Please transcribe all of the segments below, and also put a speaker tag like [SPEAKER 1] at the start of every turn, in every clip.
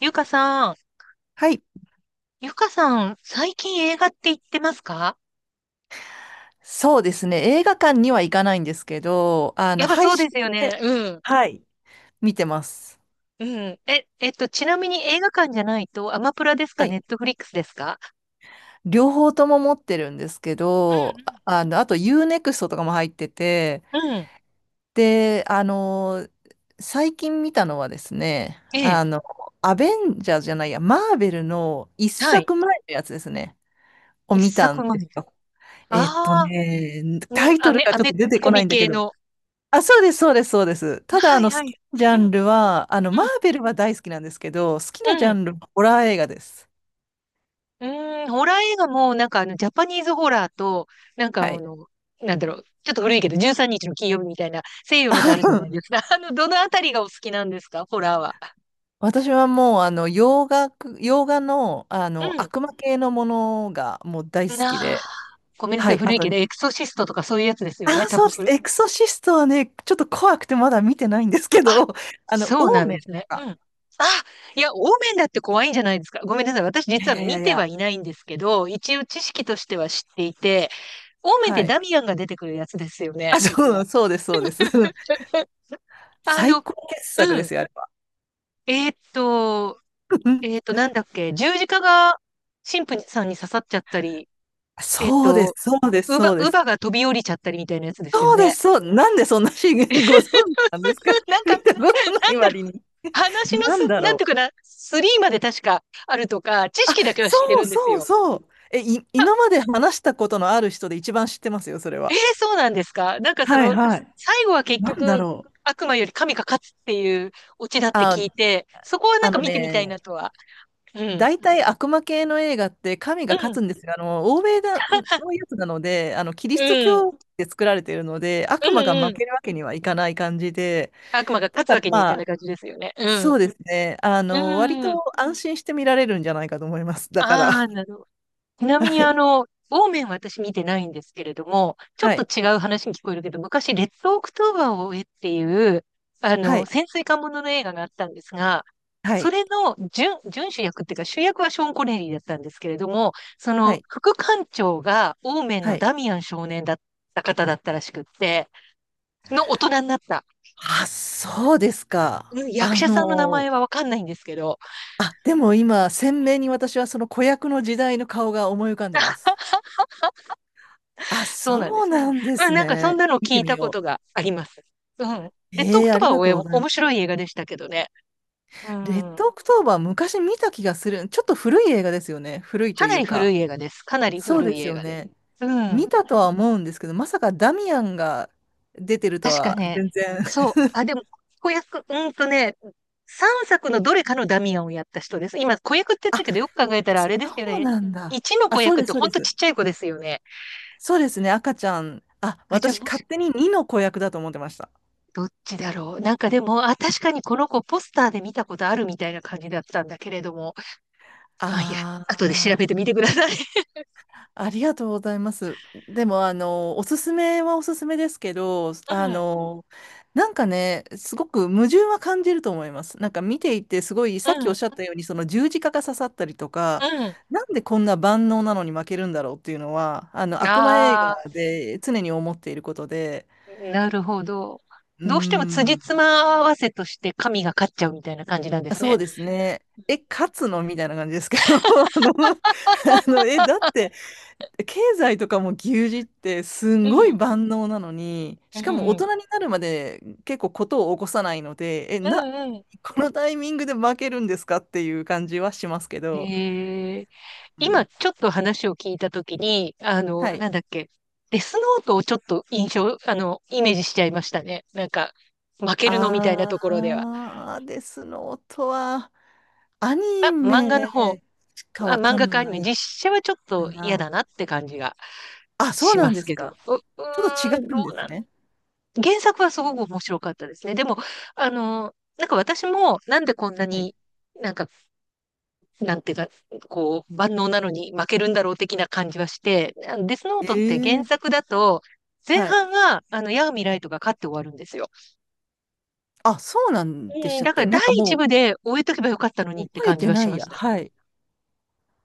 [SPEAKER 1] ゆかさん、
[SPEAKER 2] はい。
[SPEAKER 1] 最近映画って行ってますか？
[SPEAKER 2] そうですね。映画館には行かないんですけど、
[SPEAKER 1] やっぱ
[SPEAKER 2] 配
[SPEAKER 1] そうで
[SPEAKER 2] 信
[SPEAKER 1] すよね。
[SPEAKER 2] で、
[SPEAKER 1] うん。
[SPEAKER 2] はい、見てます。
[SPEAKER 1] うん。ちなみに映画館じゃないと、アマプラですか、
[SPEAKER 2] は
[SPEAKER 1] ネ
[SPEAKER 2] い。
[SPEAKER 1] ットフリックスですか？
[SPEAKER 2] 両方とも持ってるんですけど、あと u ネクストとかも入ってて、
[SPEAKER 1] うんうん。うん。
[SPEAKER 2] で、あの、最近見たのはですね、
[SPEAKER 1] ええ。
[SPEAKER 2] アベンジャーじゃないや、マーベルの一
[SPEAKER 1] はい。
[SPEAKER 2] 作前のやつですね、を
[SPEAKER 1] 一
[SPEAKER 2] 見たん
[SPEAKER 1] 作
[SPEAKER 2] です
[SPEAKER 1] 前。
[SPEAKER 2] よ。
[SPEAKER 1] ああ、うん、
[SPEAKER 2] タイトルが
[SPEAKER 1] ア
[SPEAKER 2] ちょっ
[SPEAKER 1] メ
[SPEAKER 2] と出て
[SPEAKER 1] コ
[SPEAKER 2] こな
[SPEAKER 1] ミ
[SPEAKER 2] いんだけ
[SPEAKER 1] 系
[SPEAKER 2] ど、
[SPEAKER 1] の。
[SPEAKER 2] あ、そうです、そうです、そうです。ただ、
[SPEAKER 1] はい
[SPEAKER 2] 好
[SPEAKER 1] は
[SPEAKER 2] き
[SPEAKER 1] い。
[SPEAKER 2] なジャ
[SPEAKER 1] うん、
[SPEAKER 2] ンルは、マーベルは大好きなんですけど、好き
[SPEAKER 1] う
[SPEAKER 2] なジャ
[SPEAKER 1] ん、
[SPEAKER 2] ンルはホラー映画です。
[SPEAKER 1] うーん、ホラー映画も、ジャパニーズホラーと、なんかあ
[SPEAKER 2] はい。
[SPEAKER 1] の、ちょっと古いけど、13日の金曜日みたいな、西洋のとあるじゃないです か。あの、どのあたりがお好きなんですか、ホラーは。
[SPEAKER 2] 私はもう、洋画の、
[SPEAKER 1] うん。
[SPEAKER 2] 悪魔系のものがもう大好
[SPEAKER 1] な
[SPEAKER 2] き
[SPEAKER 1] あ、
[SPEAKER 2] で、
[SPEAKER 1] ごめんなさ
[SPEAKER 2] は
[SPEAKER 1] い、
[SPEAKER 2] い。あ
[SPEAKER 1] 古い
[SPEAKER 2] と、
[SPEAKER 1] けど、エクソシストとかそういうやつですよね、
[SPEAKER 2] あ、
[SPEAKER 1] 多
[SPEAKER 2] そう
[SPEAKER 1] 分
[SPEAKER 2] です。
[SPEAKER 1] 古い。
[SPEAKER 2] エクソシストはね、ちょっと怖くてまだ見てないんですけ
[SPEAKER 1] あ、
[SPEAKER 2] ど、
[SPEAKER 1] そう
[SPEAKER 2] オ
[SPEAKER 1] な
[SPEAKER 2] ー
[SPEAKER 1] ん
[SPEAKER 2] メ
[SPEAKER 1] です
[SPEAKER 2] ンと
[SPEAKER 1] ね。う
[SPEAKER 2] か。
[SPEAKER 1] ん。あ、いや、オーメンだって怖いんじゃないですか。ごめんなさい、私
[SPEAKER 2] いや
[SPEAKER 1] 実
[SPEAKER 2] い
[SPEAKER 1] は
[SPEAKER 2] やいや
[SPEAKER 1] 見
[SPEAKER 2] い
[SPEAKER 1] ては
[SPEAKER 2] や、
[SPEAKER 1] いないんですけど、一応知識としては知っていて、オーメンっ
[SPEAKER 2] は
[SPEAKER 1] て
[SPEAKER 2] い。
[SPEAKER 1] ダミアンが出てくるやつですよ
[SPEAKER 2] あ、
[SPEAKER 1] ね。
[SPEAKER 2] そう、そうです、そうです。
[SPEAKER 1] あ
[SPEAKER 2] 最
[SPEAKER 1] の、
[SPEAKER 2] 高傑作
[SPEAKER 1] う
[SPEAKER 2] で
[SPEAKER 1] ん。
[SPEAKER 2] すよ、あれは。
[SPEAKER 1] えーっと、なんだっけ、十字架が神父さんに刺さっちゃったり、えーっ
[SPEAKER 2] そうです、
[SPEAKER 1] と、
[SPEAKER 2] そうです、
[SPEAKER 1] 乳母、
[SPEAKER 2] そうで
[SPEAKER 1] 乳
[SPEAKER 2] す。
[SPEAKER 1] 母が飛び降りちゃったりみたいなやつですよ
[SPEAKER 2] そうで
[SPEAKER 1] ね。
[SPEAKER 2] す、そう、なんでそんな資源ご存知なんですか？
[SPEAKER 1] なん
[SPEAKER 2] 見
[SPEAKER 1] か、
[SPEAKER 2] たことな
[SPEAKER 1] な
[SPEAKER 2] い
[SPEAKER 1] んだろう、
[SPEAKER 2] 割に。
[SPEAKER 1] 話の
[SPEAKER 2] なん
[SPEAKER 1] す、
[SPEAKER 2] だ
[SPEAKER 1] なん
[SPEAKER 2] ろ
[SPEAKER 1] ていう
[SPEAKER 2] う。
[SPEAKER 1] かな、スリーまで確かあるとか、知識だけは知って
[SPEAKER 2] そう
[SPEAKER 1] るんです
[SPEAKER 2] そう
[SPEAKER 1] よ。
[SPEAKER 2] そう。今まで話したことのある人で一番知ってますよ、それ
[SPEAKER 1] えー、
[SPEAKER 2] は。
[SPEAKER 1] そうなんですか？なんかそ
[SPEAKER 2] はい
[SPEAKER 1] の、
[SPEAKER 2] はい。
[SPEAKER 1] 最後は結
[SPEAKER 2] なんだ
[SPEAKER 1] 局、
[SPEAKER 2] ろう。
[SPEAKER 1] 悪魔より神が勝つっていうオチだって
[SPEAKER 2] あ、
[SPEAKER 1] 聞いて、そこはな
[SPEAKER 2] あ
[SPEAKER 1] んか
[SPEAKER 2] の
[SPEAKER 1] 見てみたいな
[SPEAKER 2] ね、
[SPEAKER 1] とは。うん。
[SPEAKER 2] 大体悪魔系の映画って神
[SPEAKER 1] う
[SPEAKER 2] が勝
[SPEAKER 1] ん。
[SPEAKER 2] つんですが、欧米だのやつなので、キリスト
[SPEAKER 1] うん。
[SPEAKER 2] 教で作られているので、
[SPEAKER 1] う
[SPEAKER 2] 悪
[SPEAKER 1] ん。
[SPEAKER 2] 魔が負
[SPEAKER 1] うん。
[SPEAKER 2] けるわけにはいかない感じで、
[SPEAKER 1] 悪魔が
[SPEAKER 2] だ
[SPEAKER 1] 勝つ
[SPEAKER 2] か
[SPEAKER 1] わ
[SPEAKER 2] ら
[SPEAKER 1] けにはいか
[SPEAKER 2] ま
[SPEAKER 1] ない
[SPEAKER 2] あ、
[SPEAKER 1] 感じですよね。う
[SPEAKER 2] そ
[SPEAKER 1] ん。
[SPEAKER 2] うですね。割と
[SPEAKER 1] うん。
[SPEAKER 2] 安心して見られるんじゃないかと思います。だから、
[SPEAKER 1] ああ、なるほど。ちなみに
[SPEAKER 2] は
[SPEAKER 1] あ
[SPEAKER 2] い。
[SPEAKER 1] の、ウーメンは私見てないんですけれども、ちょ
[SPEAKER 2] は
[SPEAKER 1] っと
[SPEAKER 2] い。
[SPEAKER 1] 違う話に聞こえるけど、昔、レッドオクトーバーを追えっていう、あ
[SPEAKER 2] は
[SPEAKER 1] の、
[SPEAKER 2] い。
[SPEAKER 1] 潜水艦ものの映画があったんですが、
[SPEAKER 2] は
[SPEAKER 1] そ
[SPEAKER 2] い。
[SPEAKER 1] れの準、準主役っていうか、主役はショーン・コネリーだったんですけれども、そ
[SPEAKER 2] は
[SPEAKER 1] の
[SPEAKER 2] い。
[SPEAKER 1] 副艦長がオーメン
[SPEAKER 2] は
[SPEAKER 1] の
[SPEAKER 2] い。
[SPEAKER 1] ダミアン少年だった方だったらしくって、の大人になった。
[SPEAKER 2] あ、そうです
[SPEAKER 1] う
[SPEAKER 2] か。
[SPEAKER 1] ん、役者さんの名前はわかんないんですけど、
[SPEAKER 2] あ、でも今、鮮明に私はその子役の時代の顔が思い浮かんでます。あ、
[SPEAKER 1] そうなんで
[SPEAKER 2] そう
[SPEAKER 1] すね。
[SPEAKER 2] なんで
[SPEAKER 1] まあ
[SPEAKER 2] す
[SPEAKER 1] なんかそん
[SPEAKER 2] ね。
[SPEAKER 1] なの
[SPEAKER 2] 見
[SPEAKER 1] 聞
[SPEAKER 2] て
[SPEAKER 1] い
[SPEAKER 2] み
[SPEAKER 1] たこと
[SPEAKER 2] よ
[SPEAKER 1] があります。うん。
[SPEAKER 2] う。
[SPEAKER 1] レッドオ
[SPEAKER 2] え
[SPEAKER 1] ク
[SPEAKER 2] え、
[SPEAKER 1] ト
[SPEAKER 2] あ
[SPEAKER 1] バ
[SPEAKER 2] り
[SPEAKER 1] ー
[SPEAKER 2] がとうご
[SPEAKER 1] は
[SPEAKER 2] ざ
[SPEAKER 1] お
[SPEAKER 2] いま
[SPEAKER 1] 面白
[SPEAKER 2] す。
[SPEAKER 1] い映画でしたけどね。う
[SPEAKER 2] レッ
[SPEAKER 1] ん。
[SPEAKER 2] ドオクトーバー、昔見た気がする。ちょっと古い映画ですよね。古い
[SPEAKER 1] か
[SPEAKER 2] とい
[SPEAKER 1] な
[SPEAKER 2] う
[SPEAKER 1] り古
[SPEAKER 2] か。
[SPEAKER 1] い映画です。かなり
[SPEAKER 2] そう
[SPEAKER 1] 古
[SPEAKER 2] で
[SPEAKER 1] い
[SPEAKER 2] す
[SPEAKER 1] 映
[SPEAKER 2] よ
[SPEAKER 1] 画です。
[SPEAKER 2] ね。
[SPEAKER 1] うん。
[SPEAKER 2] 見たとは思うんですけど、まさかダミアンが出てると
[SPEAKER 1] 確か
[SPEAKER 2] は
[SPEAKER 1] ね。
[SPEAKER 2] 全然。
[SPEAKER 1] そう。あ、でも、子役、うんとね、3作のどれかのダミアンをやった人です。今、子役って言 っ
[SPEAKER 2] あ、
[SPEAKER 1] たけど、よく考えたらあれですよ
[SPEAKER 2] そう
[SPEAKER 1] ね。
[SPEAKER 2] なんだ。
[SPEAKER 1] 1の
[SPEAKER 2] あ、
[SPEAKER 1] 子
[SPEAKER 2] そう
[SPEAKER 1] 役っ
[SPEAKER 2] で
[SPEAKER 1] て
[SPEAKER 2] す、そう
[SPEAKER 1] ほ
[SPEAKER 2] で
[SPEAKER 1] んとち
[SPEAKER 2] す。
[SPEAKER 1] っちゃい子ですよね。
[SPEAKER 2] そうですね、赤ちゃん。あ、
[SPEAKER 1] あ、じゃあ
[SPEAKER 2] 私
[SPEAKER 1] も
[SPEAKER 2] 勝
[SPEAKER 1] し、
[SPEAKER 2] 手に2の子役だと思ってました。
[SPEAKER 1] どっちだろう。なんかでも、あ、確かにこの子ポスターで見たことあるみたいな感じだったんだけれども。あ、いや、
[SPEAKER 2] あ
[SPEAKER 1] 後で調べて
[SPEAKER 2] あ。
[SPEAKER 1] みてください。
[SPEAKER 2] ありがとうございます。でも、おすすめはおすすめですけど、
[SPEAKER 1] うん、
[SPEAKER 2] なんかね、すごく矛盾は感じると思います。なんか見ていて、すごい、
[SPEAKER 1] う
[SPEAKER 2] さっきおっ
[SPEAKER 1] ん、
[SPEAKER 2] しゃったように、その十字架が刺さったりとか、
[SPEAKER 1] う
[SPEAKER 2] なんでこんな万能なのに負けるんだろうっていうのは、
[SPEAKER 1] ん。
[SPEAKER 2] 悪魔映
[SPEAKER 1] ああ、
[SPEAKER 2] 画で常に思っていることで、
[SPEAKER 1] なるほど。
[SPEAKER 2] うー
[SPEAKER 1] どうしても辻
[SPEAKER 2] ん、
[SPEAKER 1] 褄合わせとして神が勝っちゃうみたいな感じなんです
[SPEAKER 2] そ
[SPEAKER 1] ね。
[SPEAKER 2] うですね。え、勝つのみたいな感じですけど、の、だって、経済とかも牛耳ってすん
[SPEAKER 1] う
[SPEAKER 2] ごい
[SPEAKER 1] ん、
[SPEAKER 2] 万能なのに、
[SPEAKER 1] う
[SPEAKER 2] しかも大
[SPEAKER 1] ん、
[SPEAKER 2] 人になるまで結構ことを起こさないので、
[SPEAKER 1] うんうん。
[SPEAKER 2] このタイミングで負けるんですかっていう感じはしますけど、
[SPEAKER 1] ええ、
[SPEAKER 2] う
[SPEAKER 1] 今
[SPEAKER 2] ん、
[SPEAKER 1] ちょっと話を聞いたときに、あの、
[SPEAKER 2] は
[SPEAKER 1] な
[SPEAKER 2] い。
[SPEAKER 1] んだっけ、デスノートをちょっと印象、あの、イメージしちゃいましたね。なんか、負けるのみたいなところでは。
[SPEAKER 2] あーですの音は、アニ
[SPEAKER 1] あ、漫画の方、
[SPEAKER 2] メしか
[SPEAKER 1] あ、
[SPEAKER 2] わ
[SPEAKER 1] 漫
[SPEAKER 2] か
[SPEAKER 1] 画か
[SPEAKER 2] ん
[SPEAKER 1] アニ
[SPEAKER 2] な
[SPEAKER 1] メ、
[SPEAKER 2] い
[SPEAKER 1] 実写はちょっ
[SPEAKER 2] か
[SPEAKER 1] と嫌だ
[SPEAKER 2] な。
[SPEAKER 1] なって感じが。
[SPEAKER 2] あ、そう
[SPEAKER 1] し
[SPEAKER 2] なん
[SPEAKER 1] ま
[SPEAKER 2] で
[SPEAKER 1] す
[SPEAKER 2] す
[SPEAKER 1] けど。
[SPEAKER 2] か。
[SPEAKER 1] う、う
[SPEAKER 2] ちょっと違
[SPEAKER 1] ーん、ど
[SPEAKER 2] うんで
[SPEAKER 1] うな
[SPEAKER 2] す
[SPEAKER 1] ん、
[SPEAKER 2] ね。
[SPEAKER 1] 原作はすごく面白かったですね。でも、あの、なんか私もなんでこんな
[SPEAKER 2] はい。
[SPEAKER 1] に、なんか、なんていうか、こう、万能なのに負けるんだろう的な感じはして、あのデスノー
[SPEAKER 2] え
[SPEAKER 1] トって原
[SPEAKER 2] ー、
[SPEAKER 1] 作だと、前
[SPEAKER 2] はい。
[SPEAKER 1] 半は、あの、ヤーミライトが勝って終わるんですよ。
[SPEAKER 2] あ、そうなんでし
[SPEAKER 1] うん、
[SPEAKER 2] たっ
[SPEAKER 1] だから
[SPEAKER 2] け、な
[SPEAKER 1] 第
[SPEAKER 2] んか
[SPEAKER 1] 一
[SPEAKER 2] も
[SPEAKER 1] 部で終えとけばよかったのに
[SPEAKER 2] う
[SPEAKER 1] って
[SPEAKER 2] 覚え
[SPEAKER 1] 感じ
[SPEAKER 2] て
[SPEAKER 1] は
[SPEAKER 2] な
[SPEAKER 1] し
[SPEAKER 2] い
[SPEAKER 1] まし
[SPEAKER 2] や。
[SPEAKER 1] た。
[SPEAKER 2] はい。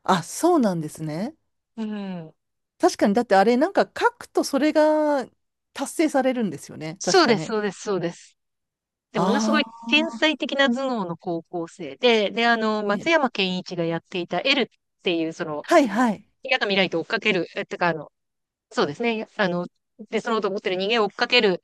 [SPEAKER 2] あ、そうなんですね。
[SPEAKER 1] うん。
[SPEAKER 2] 確かに、だってあれ、なんか書くとそれが達成されるんですよね。
[SPEAKER 1] そ
[SPEAKER 2] 確
[SPEAKER 1] う
[SPEAKER 2] か
[SPEAKER 1] です、
[SPEAKER 2] ね。
[SPEAKER 1] そうです、そうです。で、ものすごい
[SPEAKER 2] あ
[SPEAKER 1] 天才的な頭脳の高校生で、で、あの、
[SPEAKER 2] あ、
[SPEAKER 1] 松
[SPEAKER 2] ね。
[SPEAKER 1] 山ケンイチがやっていた L っていう、その、
[SPEAKER 2] はいはい。
[SPEAKER 1] 嫌な未来と追っかける、え、てか、あの、そうですね、あの、で、そのと思ってる人間を追っかける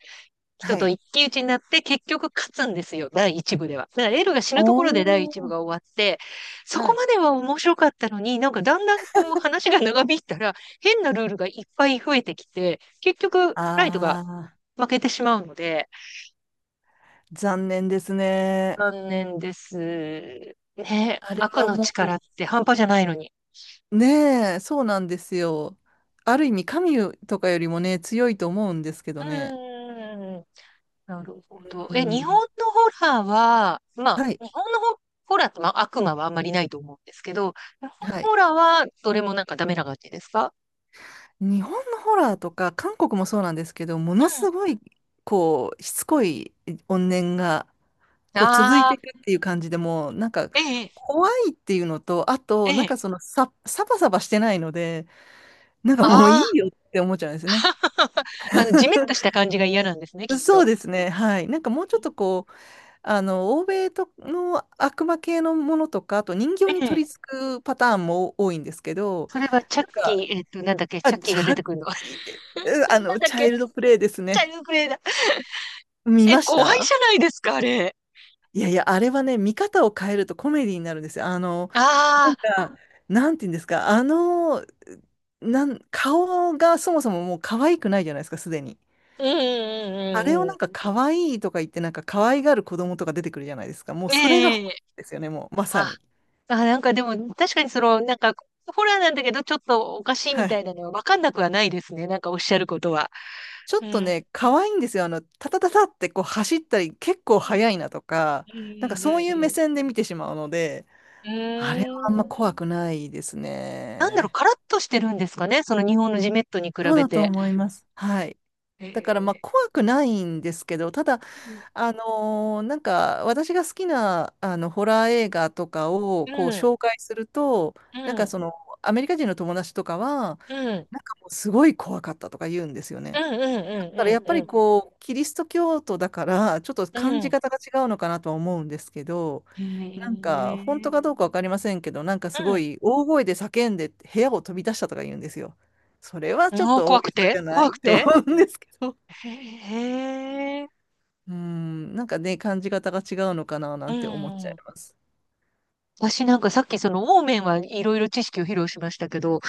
[SPEAKER 1] 人
[SPEAKER 2] は
[SPEAKER 1] と
[SPEAKER 2] い。
[SPEAKER 1] 一騎打ちになって、結局勝つんですよ、第一部では。だから L が死
[SPEAKER 2] お
[SPEAKER 1] ぬところで第一部
[SPEAKER 2] ー。
[SPEAKER 1] が終わって、そ
[SPEAKER 2] は
[SPEAKER 1] こ
[SPEAKER 2] い。
[SPEAKER 1] までは面白かったのに、なんかだんだんこう話が長引いたら、変なルールがいっぱい増えてきて、結局、ライトが
[SPEAKER 2] ああ、
[SPEAKER 1] 負けてしまうので、
[SPEAKER 2] 残念ですね。
[SPEAKER 1] 残念です。ね、
[SPEAKER 2] あれ
[SPEAKER 1] 悪
[SPEAKER 2] は
[SPEAKER 1] の力
[SPEAKER 2] も
[SPEAKER 1] って半端じゃないのに。
[SPEAKER 2] う、ねえ、そうなんですよ。ある意味、神とかよりもね、強いと思うんですけ
[SPEAKER 1] う
[SPEAKER 2] どね。
[SPEAKER 1] ーん。なるほど。
[SPEAKER 2] う
[SPEAKER 1] え、日本
[SPEAKER 2] ん。
[SPEAKER 1] のホラーは、まあ、
[SPEAKER 2] はい。
[SPEAKER 1] 日本のホラーって、まあ、悪魔はあんまりないと思うんですけど、日本
[SPEAKER 2] は
[SPEAKER 1] の
[SPEAKER 2] い。
[SPEAKER 1] ホラーはどれもなんかダメな感じですか？
[SPEAKER 2] 日本のホラーとか、韓国もそうなんですけど、ものす
[SPEAKER 1] う
[SPEAKER 2] ごい、こう、しつこい怨念が、
[SPEAKER 1] ん。
[SPEAKER 2] こう続い
[SPEAKER 1] あ
[SPEAKER 2] てい
[SPEAKER 1] あ、
[SPEAKER 2] くっていう感じでもうなんか
[SPEAKER 1] ええ、
[SPEAKER 2] 怖いっていうのと、あ
[SPEAKER 1] え
[SPEAKER 2] となん
[SPEAKER 1] え、
[SPEAKER 2] かそのさサバサバしてないのでなんかもうい
[SPEAKER 1] ああ、
[SPEAKER 2] いよって思っちゃうんですね。
[SPEAKER 1] あの、ジメッとした 感じが嫌なんですね、きっ
[SPEAKER 2] そう
[SPEAKER 1] と。
[SPEAKER 2] ですね、はい。なんかもうちょっとこう、欧米との悪魔系のものとか、あと人
[SPEAKER 1] え
[SPEAKER 2] 形に取り
[SPEAKER 1] え。
[SPEAKER 2] 付くパターンも多いんですけど、
[SPEAKER 1] それはチャッ
[SPEAKER 2] なん
[SPEAKER 1] キ
[SPEAKER 2] か、
[SPEAKER 1] ー、えっと、なんだっけ、
[SPEAKER 2] あ、
[SPEAKER 1] チャッキ
[SPEAKER 2] ち
[SPEAKER 1] ーが
[SPEAKER 2] ゃ、
[SPEAKER 1] 出て
[SPEAKER 2] う
[SPEAKER 1] くるの。
[SPEAKER 2] あ
[SPEAKER 1] なん
[SPEAKER 2] の、
[SPEAKER 1] だっ
[SPEAKER 2] チャイ
[SPEAKER 1] け、
[SPEAKER 2] ルドプレイです
[SPEAKER 1] チャイル
[SPEAKER 2] ね。
[SPEAKER 1] ドプレイだ。
[SPEAKER 2] 見
[SPEAKER 1] え、
[SPEAKER 2] まし
[SPEAKER 1] 怖い
[SPEAKER 2] た。
[SPEAKER 1] じゃないですか、あれ。
[SPEAKER 2] いやいや、あれはね、見方を変えるとコメディになるんですよ。な
[SPEAKER 1] あ
[SPEAKER 2] ん
[SPEAKER 1] あ、
[SPEAKER 2] か、なんて言うんですか、顔がそもそももう可愛くないじゃないですか、すでに。
[SPEAKER 1] うんう
[SPEAKER 2] あ
[SPEAKER 1] ん
[SPEAKER 2] れを
[SPEAKER 1] うんう
[SPEAKER 2] なんか
[SPEAKER 1] ん、
[SPEAKER 2] 可愛いとか言って、なんか可愛がる子供とか出てくるじゃないですか。もうそれが本
[SPEAKER 1] ええ、
[SPEAKER 2] ですよね、もうまさ
[SPEAKER 1] あ、
[SPEAKER 2] に。
[SPEAKER 1] あ、なんかでも確かにその、なんか、ホラーなんだけど、ちょっとおかしいみ
[SPEAKER 2] は
[SPEAKER 1] たい
[SPEAKER 2] い。
[SPEAKER 1] なのはわかんなくはないですね。なんかおっしゃることは。
[SPEAKER 2] ちょ
[SPEAKER 1] う
[SPEAKER 2] っと
[SPEAKER 1] ん。
[SPEAKER 2] ね、可愛いんですよ。タタタタってこう走ったり、結構
[SPEAKER 1] うん。
[SPEAKER 2] 速いなとか、なんかそういう
[SPEAKER 1] う
[SPEAKER 2] 目
[SPEAKER 1] ん
[SPEAKER 2] 線で見てしまうので、
[SPEAKER 1] うんうん
[SPEAKER 2] あれは
[SPEAKER 1] う
[SPEAKER 2] あ
[SPEAKER 1] ん。
[SPEAKER 2] ん
[SPEAKER 1] うーん。
[SPEAKER 2] ま怖くないです
[SPEAKER 1] なんだろう、
[SPEAKER 2] ね。
[SPEAKER 1] カラッとしてるんですかね。その日本のジメットに比
[SPEAKER 2] そう
[SPEAKER 1] べ
[SPEAKER 2] だと
[SPEAKER 1] て。
[SPEAKER 2] 思います。はい。だから
[SPEAKER 1] え
[SPEAKER 2] まあ
[SPEAKER 1] え、
[SPEAKER 2] 怖くないんですけど、ただ
[SPEAKER 1] うん。
[SPEAKER 2] なんか私が好きなホラー映画とかを
[SPEAKER 1] う
[SPEAKER 2] こう
[SPEAKER 1] ん。
[SPEAKER 2] 紹介すると
[SPEAKER 1] う
[SPEAKER 2] なんか
[SPEAKER 1] ん。
[SPEAKER 2] そのアメリカ人の友達とかは
[SPEAKER 1] うん。
[SPEAKER 2] なんかもうすごい怖かったとか言うんですよ
[SPEAKER 1] う
[SPEAKER 2] ね。
[SPEAKER 1] んう
[SPEAKER 2] だからや
[SPEAKER 1] ん
[SPEAKER 2] っ
[SPEAKER 1] う
[SPEAKER 2] ぱ
[SPEAKER 1] ん
[SPEAKER 2] り
[SPEAKER 1] う
[SPEAKER 2] こうキリスト教徒だからちょっと
[SPEAKER 1] んう
[SPEAKER 2] 感
[SPEAKER 1] ん。う
[SPEAKER 2] じ
[SPEAKER 1] ん。
[SPEAKER 2] 方が違うのかなとは思うんですけど、
[SPEAKER 1] へ
[SPEAKER 2] なんか本当か
[SPEAKER 1] え。
[SPEAKER 2] どうか分かりませんけど、なんか
[SPEAKER 1] う
[SPEAKER 2] すご
[SPEAKER 1] ん。
[SPEAKER 2] い大声で叫んで部屋を飛び出したとか言うんですよ。それは
[SPEAKER 1] う
[SPEAKER 2] ちょっ
[SPEAKER 1] ん。
[SPEAKER 2] と大
[SPEAKER 1] 怖く
[SPEAKER 2] げさ
[SPEAKER 1] て
[SPEAKER 2] じゃな
[SPEAKER 1] 怖
[SPEAKER 2] いっ
[SPEAKER 1] く
[SPEAKER 2] て思
[SPEAKER 1] て。
[SPEAKER 2] うんですけど。
[SPEAKER 1] へえ。
[SPEAKER 2] うん、なんかね、感じ方が違うのかなな
[SPEAKER 1] う
[SPEAKER 2] んて思っちゃい
[SPEAKER 1] ん。
[SPEAKER 2] ます。
[SPEAKER 1] 私なんかさっきそのオーメンはいろいろ知識を披露しましたけど、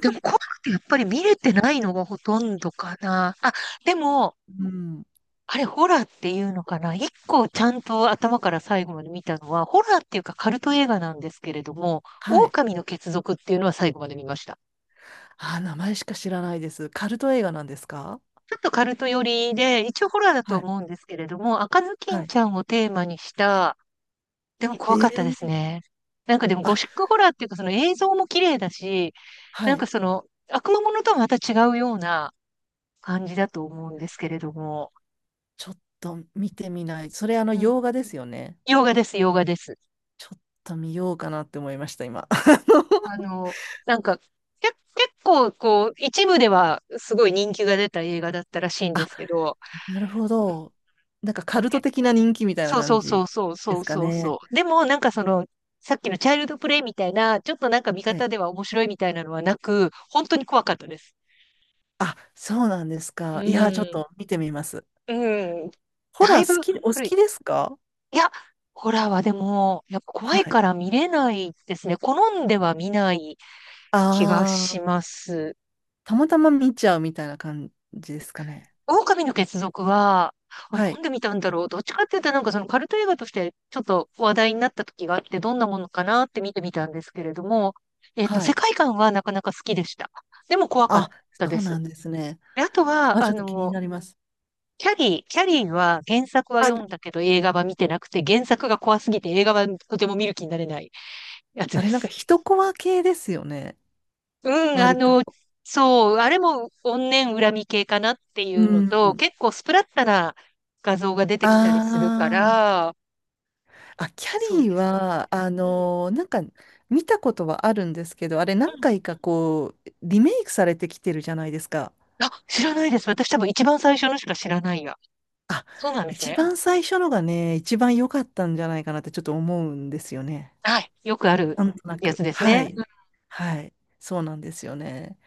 [SPEAKER 1] でも怖くてやっぱり見れてないのがほとんどかな。あ、でも、
[SPEAKER 2] うん。
[SPEAKER 1] あれホラーっていうのかな。一個ちゃんと頭から最後まで見たのは、ホラーっていうかカルト映画なんですけれども、
[SPEAKER 2] はい。
[SPEAKER 1] 狼の血族っていうのは最後まで見ました。
[SPEAKER 2] あー、名前しか知らないです。カルト映画なんですか？
[SPEAKER 1] ちょっとカルト寄りで、一応ホラーだと
[SPEAKER 2] はい。
[SPEAKER 1] 思うんですけれども、赤ずき
[SPEAKER 2] は
[SPEAKER 1] ん
[SPEAKER 2] い。
[SPEAKER 1] ちゃんをテーマにした、でも怖か
[SPEAKER 2] え
[SPEAKER 1] ったです
[SPEAKER 2] え、
[SPEAKER 1] ね。なんかでもゴ
[SPEAKER 2] あ、
[SPEAKER 1] シックホラーっていうか、その映像も綺麗だし、
[SPEAKER 2] は
[SPEAKER 1] なんか
[SPEAKER 2] い。
[SPEAKER 1] その悪魔ものとはまた違うような感じだと思うんですけれども、
[SPEAKER 2] ちょっと見てみない。それ、あの、
[SPEAKER 1] うん、
[SPEAKER 2] 洋画ですよね。
[SPEAKER 1] 洋画です、洋画です。
[SPEAKER 2] ちょっと見ようかなって思いました、今。
[SPEAKER 1] あ の、なんか、け、結構こう一部ではすごい人気が出た映画だったらしいん
[SPEAKER 2] あ
[SPEAKER 1] で
[SPEAKER 2] の
[SPEAKER 1] すけど、
[SPEAKER 2] あなるほ
[SPEAKER 1] うん、
[SPEAKER 2] ど。なんかカルト的な人気みたいな
[SPEAKER 1] そうそ
[SPEAKER 2] 感
[SPEAKER 1] うそ
[SPEAKER 2] じ
[SPEAKER 1] うそう
[SPEAKER 2] で
[SPEAKER 1] そう
[SPEAKER 2] すか
[SPEAKER 1] そうそ
[SPEAKER 2] ね。
[SPEAKER 1] う。でもなんかその、さっきのチャイルドプレイみたいな、ちょっとなんか見
[SPEAKER 2] は
[SPEAKER 1] 方
[SPEAKER 2] い。
[SPEAKER 1] では面白いみたいなのはなく、本当に怖かったです。
[SPEAKER 2] あ、そうなんです
[SPEAKER 1] う
[SPEAKER 2] か。いや、ちょっ
[SPEAKER 1] ん。
[SPEAKER 2] と見てみます。
[SPEAKER 1] うん。
[SPEAKER 2] ホ
[SPEAKER 1] だ
[SPEAKER 2] ラ
[SPEAKER 1] いぶ
[SPEAKER 2] ー好き、お好
[SPEAKER 1] 古い。
[SPEAKER 2] きですか？
[SPEAKER 1] いや、ホラーはでも、やっぱ怖
[SPEAKER 2] は
[SPEAKER 1] い
[SPEAKER 2] い。
[SPEAKER 1] から見れないですね。好んでは見ない気が
[SPEAKER 2] あ
[SPEAKER 1] し
[SPEAKER 2] あ。
[SPEAKER 1] ます。
[SPEAKER 2] たまたま見ちゃうみたいな感じですかね。
[SPEAKER 1] 狼の血族は、あ、
[SPEAKER 2] は
[SPEAKER 1] な
[SPEAKER 2] い。
[SPEAKER 1] んで見たんだろう。どっちかって言ったらなんかそのカルト映画としてちょっと話題になった時があって、どんなものかなって見てみたんですけれども、えっと、
[SPEAKER 2] は
[SPEAKER 1] 世
[SPEAKER 2] い。
[SPEAKER 1] 界観はなかなか好きでした。でも怖かっ
[SPEAKER 2] あ、
[SPEAKER 1] たで
[SPEAKER 2] そうな
[SPEAKER 1] す。
[SPEAKER 2] んですね。
[SPEAKER 1] であとは、
[SPEAKER 2] あ、ち
[SPEAKER 1] あ
[SPEAKER 2] ょっと気に
[SPEAKER 1] の、
[SPEAKER 2] なります。
[SPEAKER 1] キャリーは原作は
[SPEAKER 2] あ、
[SPEAKER 1] 読んだけど映画は見てなくて、原作が怖すぎて映画はとても見る気になれないやつ
[SPEAKER 2] あ
[SPEAKER 1] で
[SPEAKER 2] れなんか
[SPEAKER 1] す。
[SPEAKER 2] 一コマ系ですよね。
[SPEAKER 1] うん、あ
[SPEAKER 2] 割と。
[SPEAKER 1] の、そう、あれも怨念恨み系かなってい
[SPEAKER 2] う
[SPEAKER 1] うのと、
[SPEAKER 2] ん。
[SPEAKER 1] 結構スプラッタな画像が出て
[SPEAKER 2] あ
[SPEAKER 1] きたりするか
[SPEAKER 2] ー、
[SPEAKER 1] ら、
[SPEAKER 2] あ、キャ
[SPEAKER 1] そう
[SPEAKER 2] リー
[SPEAKER 1] ですね。
[SPEAKER 2] は、
[SPEAKER 1] うん。
[SPEAKER 2] なんか見たことはあるんですけど、あれ何
[SPEAKER 1] うん。
[SPEAKER 2] 回かこう、リメイクされてきてるじゃないですか。
[SPEAKER 1] あ、知らないです。私多分一番最初のしか知らないや。
[SPEAKER 2] あ、
[SPEAKER 1] そうなんです
[SPEAKER 2] 一
[SPEAKER 1] ね。
[SPEAKER 2] 番最初のがね、一番良かったんじゃないかなってちょっと思うんですよね。
[SPEAKER 1] はい。よくあ
[SPEAKER 2] な
[SPEAKER 1] る
[SPEAKER 2] んとな
[SPEAKER 1] や
[SPEAKER 2] く。
[SPEAKER 1] つです
[SPEAKER 2] は
[SPEAKER 1] ね。
[SPEAKER 2] い。はい。そうなんですよね。